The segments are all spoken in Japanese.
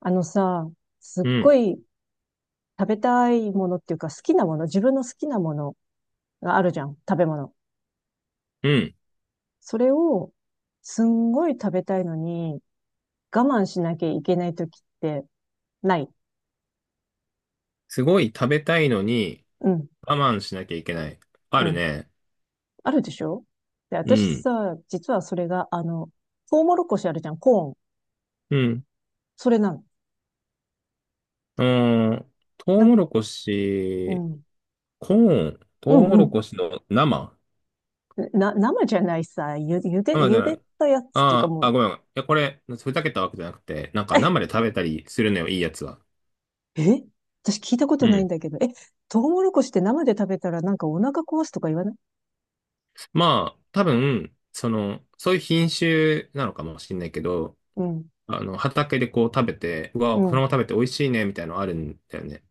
あのさ、すっうごん、い食べたいものっていうか好きなもの、自分の好きなものがあるじゃん、食べ物。うん。それをすんごい食べたいのに我慢しなきゃいけない時ってない？すごい食べたいのにうん、我慢しなきゃいけない。うあるん。ね。あるでしょ？で、う私ん、さ、実はそれが、トウモロコシあるじゃん、コーン。うん。それなの。うーん、トウな、モロコうシ、ん、コーン、トうウん、モうロん。コシの生生じゃないさ、生じゆゃなでい。たやつっていうかあもーう、あ、ごめん。ごめんこれ、ふざけたわけじゃなくて、なんか生 で食べたりするのよ、いいやつは。え、私聞いたことうないんん。だけど。え、トウモロコシって生で食べたらなんかお腹壊すとか言わない？まあ、多分、そういう品種なのかもしれないけど、うん。畑でこう食べて、ううわ、そのん。まま食べて美味しいね、みたいなのあるんだよね。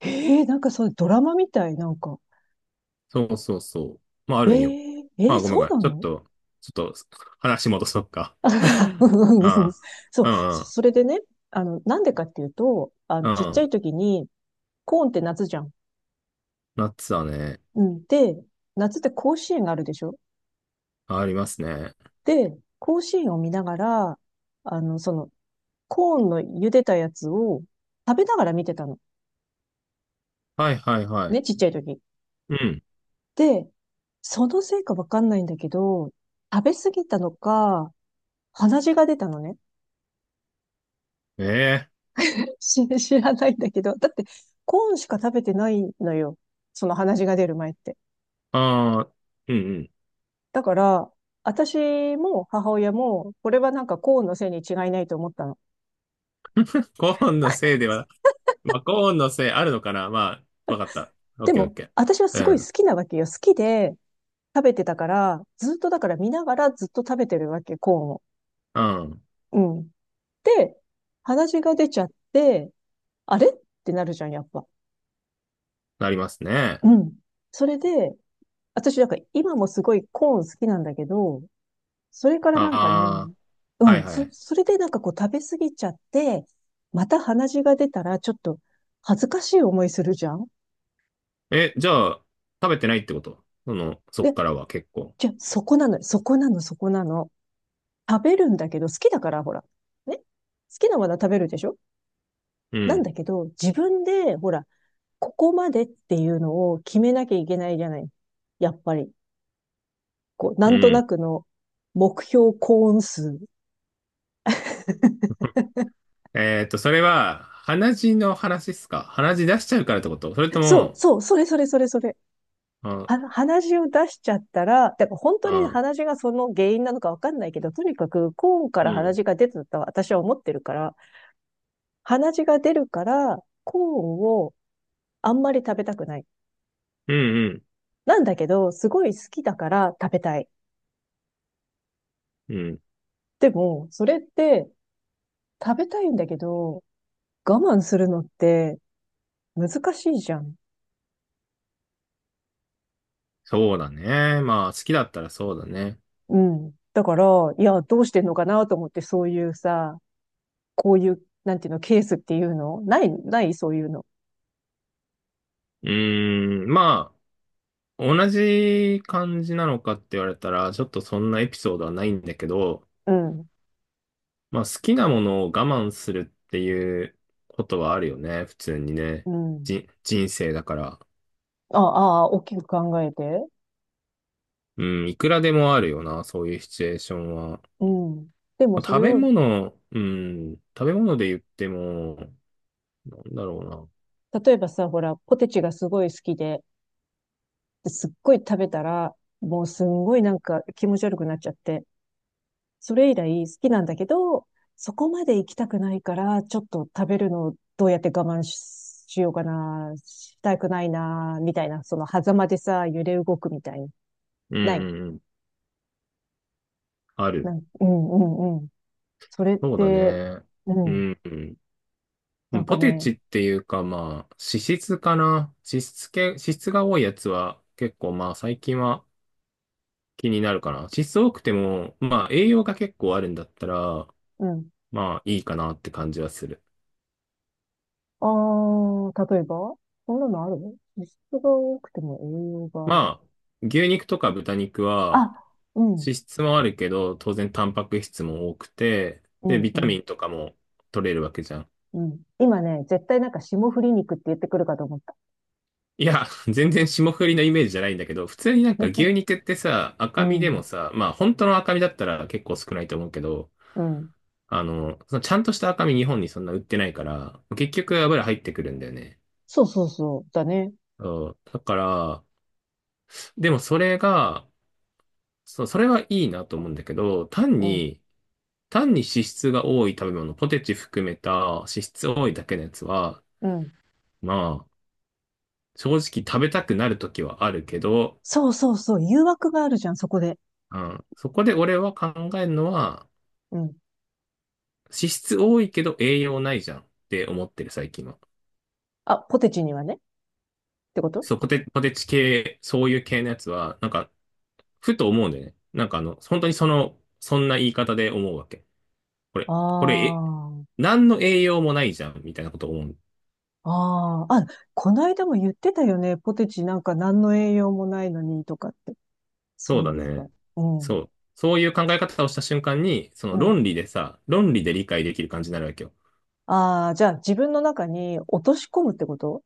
えー、なんかそう、ドラマみたい、なんか。そうそうそう。まあ、あえるんよ。ー、えまーあ、ごめんごそうめん。なちょっの？と、ちょっと、話戻そっか。あ うん うんうん あ そう、あ、そうそれでね、なんでかっていうと、んうちっん、ちうゃいん。時に、コーンって夏じゃん。夏はね、うん。で、夏って甲子園があるでしょ？ありますね。で、甲子園を見ながら、あの、その、コーンの茹でたやつを食べながら見てたの。はいはいはい。ね、ちっちゃい時。うん。で、そのせいかわかんないんだけど、食べ過ぎたのか、鼻血が出たのね。ええ知らないんだけど、だってコーンしか食べてないのよ。その鼻血が出る前って。ああ、うんうん。だから、私も母親も、これはなんかコーンのせいに違いないと思ったの。コーンのせ いでは、まあ、コーンのせいあるのかな。まあ、わかった。オッでケーオッも、ケ私はすごいー。好きなわけよ。好きで食べてたから、ずっとだから見ながらずっと食べてるわけ、コーンを。うん、うん。うん。で、鼻血が出ちゃって、あれってなるじゃん、やっぱ。なりますね。うん。それで、私なんか今もすごいコーン好きなんだけど、それからなんかね、ああ、うはいん、はい。それでなんかこう食べ過ぎちゃって、また鼻血が出たらちょっと恥ずかしい思いするじゃん。え、じゃあ、食べてないってこと？その、そっで、からは結構。じゃあそこなのよ、そこなの、そこなの。食べるんだけど、好きだから、ほら。ね、好きなものは食べるでしょ？うなんん、だけど、自分で、ほら、ここまでっていうのを決めなきゃいけないじゃない。やっぱり。こう、なうんとなん。くの目標コーン数。えーっと、それは、鼻血の話っすか？鼻血出しちゃうからってこと？それとそう、も、そう、それそれそれそれ。あ、鼻血を出しちゃったら、だから本当にあ、鼻血がその原因なのかわかんないけど、とにかくコーンかうら鼻ん、血が出てたと私は思ってるから、鼻血が出るから、コーンをあんまり食べたくない。うん、なんだけど、すごい好きだから食べたい。うん、うん。でも、それって食べたいんだけど、我慢するのって難しいじゃん。そうだね。まあ、好きだったらそうだね。うん。だから、いや、どうしてんのかなと思って、そういうさ、こういう、なんていうの、ケースっていうのない、ない、そういうの。うーん、まあ、同じ感じなのかって言われたら、ちょっとそんなエピソードはないんだけど、うん、まあ、好きなものを我慢するっていうことはあるよね。普通にね。うん。じ、人生だから。ああ、大きく考えて。うん、いくらでもあるよな、そういうシチュエーションは。うん。でもまあそ食れべを、物、うん、食べ物で言っても、なんだろ例えばさ、ほら、ポテチがすごい好きで、で、すっごい食べたら、もうすんごいなんか気持ち悪くなっちゃって、それ以来好きなんだけど、そこまで行きたくないから、ちょっと食べるのをどうやって我慢しようかな、したくないな、みたいな、その狭間でさ、揺れ動くみたいな。うな。うんなうい？んうん。ある。うん、うん、うん。それっそうだて、ね。ううん。ん、うなん。んかポテね、チっていうか、まあ、脂質かな。脂質系、脂質が多いやつは結構、まあ、最近は気になるかな。脂質多くても、まあ、栄養が結構あるんだったら、うん。まあ、いいかなって感じはする。ああ、例えばそんなのあるの？脂質が多くても栄養がある？まあ、牛肉とか豚肉は、あ、うん、脂質もあるけど、当然タンパク質も多くて、うで、ん、ビうタん、ミンとかも取れるわけじゃん。うん。今ね、絶対なんか霜降り肉って言ってくるかと思った。いや、全然霜降りのイメージじゃないんだけど、普通になんか牛 肉ってさ、う赤身でもん、さ、まあ本当の赤身だったら結構少ないと思うけど、うん。そのちゃんとした赤身日本にそんな売ってないから、結局油入ってくるんだよね。そうそうそう、だね。そう。だから、でもそれが、そう、それはいいなと思うんだけど、単うん、に、単に脂質が多い食べ物、ポテチ含めた脂質多いだけのやつは、うん。まあ、正直食べたくなる時はあるけど、そうそうそう、誘惑があるじゃん、そこで。うん、そこで俺は考えるのは、うん。脂質多いけど栄養ないじゃんって思ってる最近は。あ、ポテチにはね。ってこと？そう、ポテチ系、そういう系のやつは、なんか、ふと思うんだよね。なんかあの、本当にその、そんな言い方で思うわけ。これ、これ、あえ、何の栄養もないじゃんみたいなことを思う。あ、ああ、あ、こないだも言ってたよね。ポテチなんか何の栄養もないのにとかって。そそううだいえば。ね。うん、そう。そういう考え方をした瞬間に、うん。論理で理解できる感じになるわけよ。ああ、じゃあ自分の中に落とし込むってこと？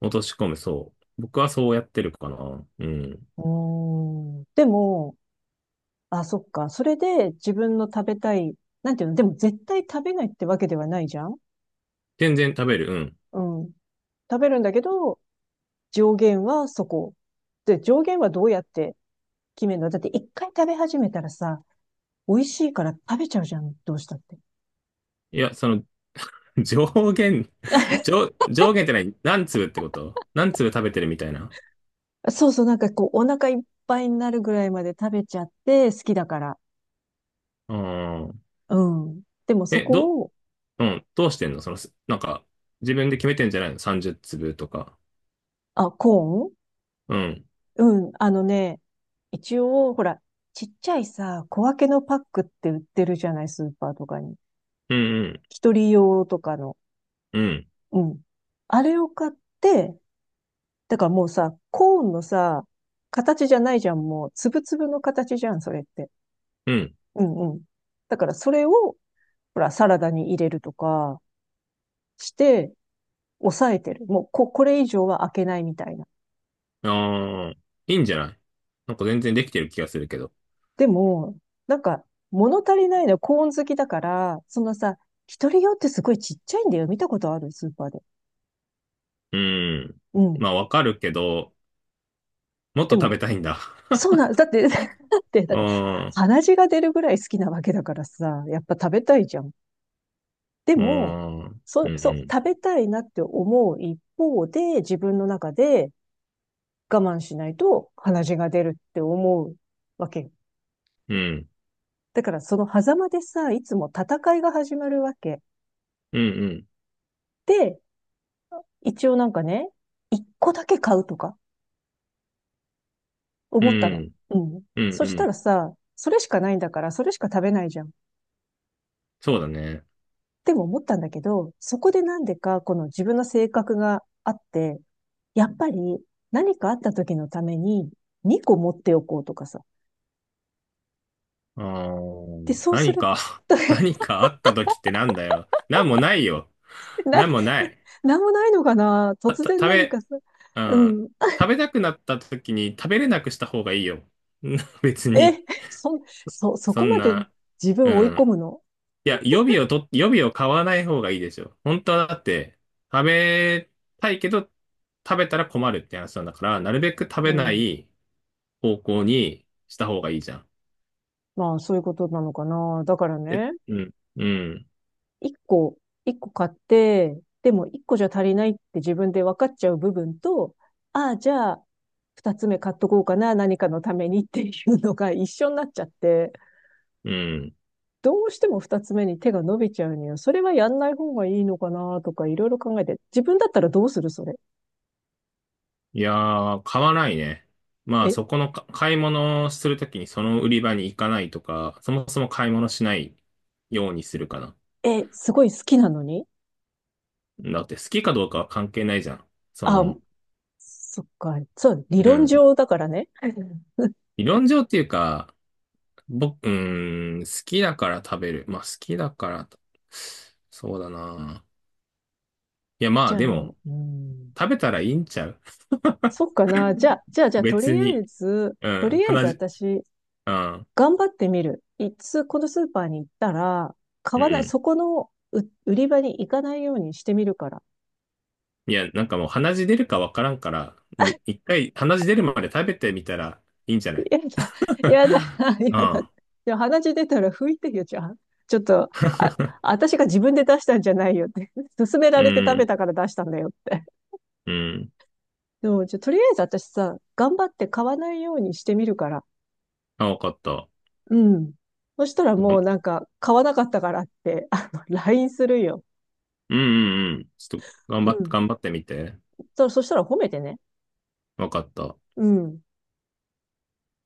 落とし込む、そう。僕はそうやってるかな。うん。うーん。でも、あ、そっか。それで自分の食べたい、なんていうの、でも絶対食べないってわけではないじゃん？全然食べる、うん。うん。食べるんだけど、上限はそこ。で、上限はどうやって決めるの？だって一回食べ始めたらさ、美味しいから食べちゃうじゃん。どうしたって。いや、その、上限、上限って何？何粒ってこと？何粒食べてるみたいな。そうそう、なんかこう、お腹いっぱいになるぐらいまで食べちゃって、好きだから。うん。うん。でもそえ、ど、こを、うん、どうしてんの？その、すなんか、自分で決めてんじゃないの ?30 粒とか。あ、コーン？うん。うん、あのね、一応、ほら、ちっちゃいさ、小分けのパックって売ってるじゃない、スーパーとかに。うん、うん、一人用とかの。うん、うん。あれを買って、だからもうさ、コーンのさ、形じゃないじゃん、もう、つぶつぶの形じゃん、それって。うん。うんうん。だからそれを、ほら、サラダに入れるとかして、抑えてる。もう、これ以上は開けないみたいな。ああ、いいんじゃない？なんか全然できてる気がするけど。でも、なんか、物足りないのはコーン好きだから、そのさ、一人用ってすごいちっちゃいんだよ。見たことあるスーパーで。うん。うん。まあ、わかるけど、もっとで食も、べたいんだ。そうなん、だって、だって、だうって、ん、鼻血が出るぐらい好きなわけだからさ、やっぱ食べたいじゃん。でうも、ん、うそう、ん、食べたいなって思う一方で、自分の中で我慢しないと鼻血が出るって思うわけうん。だから、その狭間でさ、いつも戦いが始まるわけ。うんで、一応なんかね、一個だけ買うとかう思ったの。ん。うん。うん。そうんしうたん。らさ、それしかないんだから、それしか食べないじゃん。そうだね。でも思ったんだけど、そこでなんでか、この自分の性格があって、やっぱり何かあった時のために2個持っておこうとかさ。あで、ーそうす何るか。 と 何 かあった時ってなんだよ。なんもないよ。な、なんもない。なんもないのかな？た、突た然食何べ、かさ。ううん。ん。食べたくなった時に食べれなくした方がいいよ。別に。え、そ、そそこんまでな、自分うを追いん。込むの？いや、予備を買わない方がいいでしょ。本当はだって、食べたいけど、食べたら困るって話なんだから、なるべく食うべなん。い方向にした方がいいじゃん。まあ、そういうことなのかな。だからえ、ね、うん、うん、一個、一個買って、でも一個じゃ足りないって自分で分かっちゃう部分と、ああ、じゃあ、二つ目買っとこうかな、何かのためにっていうのが一緒になっちゃって、うん。どうしても二つ目に手が伸びちゃうには、それはやんない方がいいのかなとかいろいろ考えて、自分だったらどうする、それ？いやー、買わないね。まあ、え、そこのか買い物をするときにその売り場に行かないとか、そもそも買い物しないようにするかな。え、すごい好きなのに？だって好きかどうかは関係ないじゃん。そあ、の、そっか、そう、理う論ん。上だからね。理論上っていうか、僕、うん、好きだから食べる。まあ、好きだからと、そうだな。いや、まじあ、ゃあ、でも、うん、食べたらいいんちゃう？ そっかな。じゃあ、じゃあ、じゃあ、と別りあえに。ず、うとん、りあえず話、私、うん、頑張ってみる。このスーパーに行ったら、買うわない、ん。そこの売り場に行かないようにしてみるから。いや、なんかもう鼻血出るかわからんから、うん、一回鼻血出るまで食べてみたらいいんじゃない？ やだ、やだ、やだ。ああ、で鼻血出たら拭いてよ、じゃあ。ちょっと、あ、私が自分で出したんじゃないよって。勧めらうれて食べん、たから出したんだよって。うん。でも、じゃあとりあえず私さ、頑張って買わないようにしてみるから。あ、わかった。うん。そしたらがもんうなんか、買わなかったからって、LINE するよ。うん、うん、うん。ちょっと頑う張って、ん。頑張ってみて。そしたら褒めてね。わかった。うん。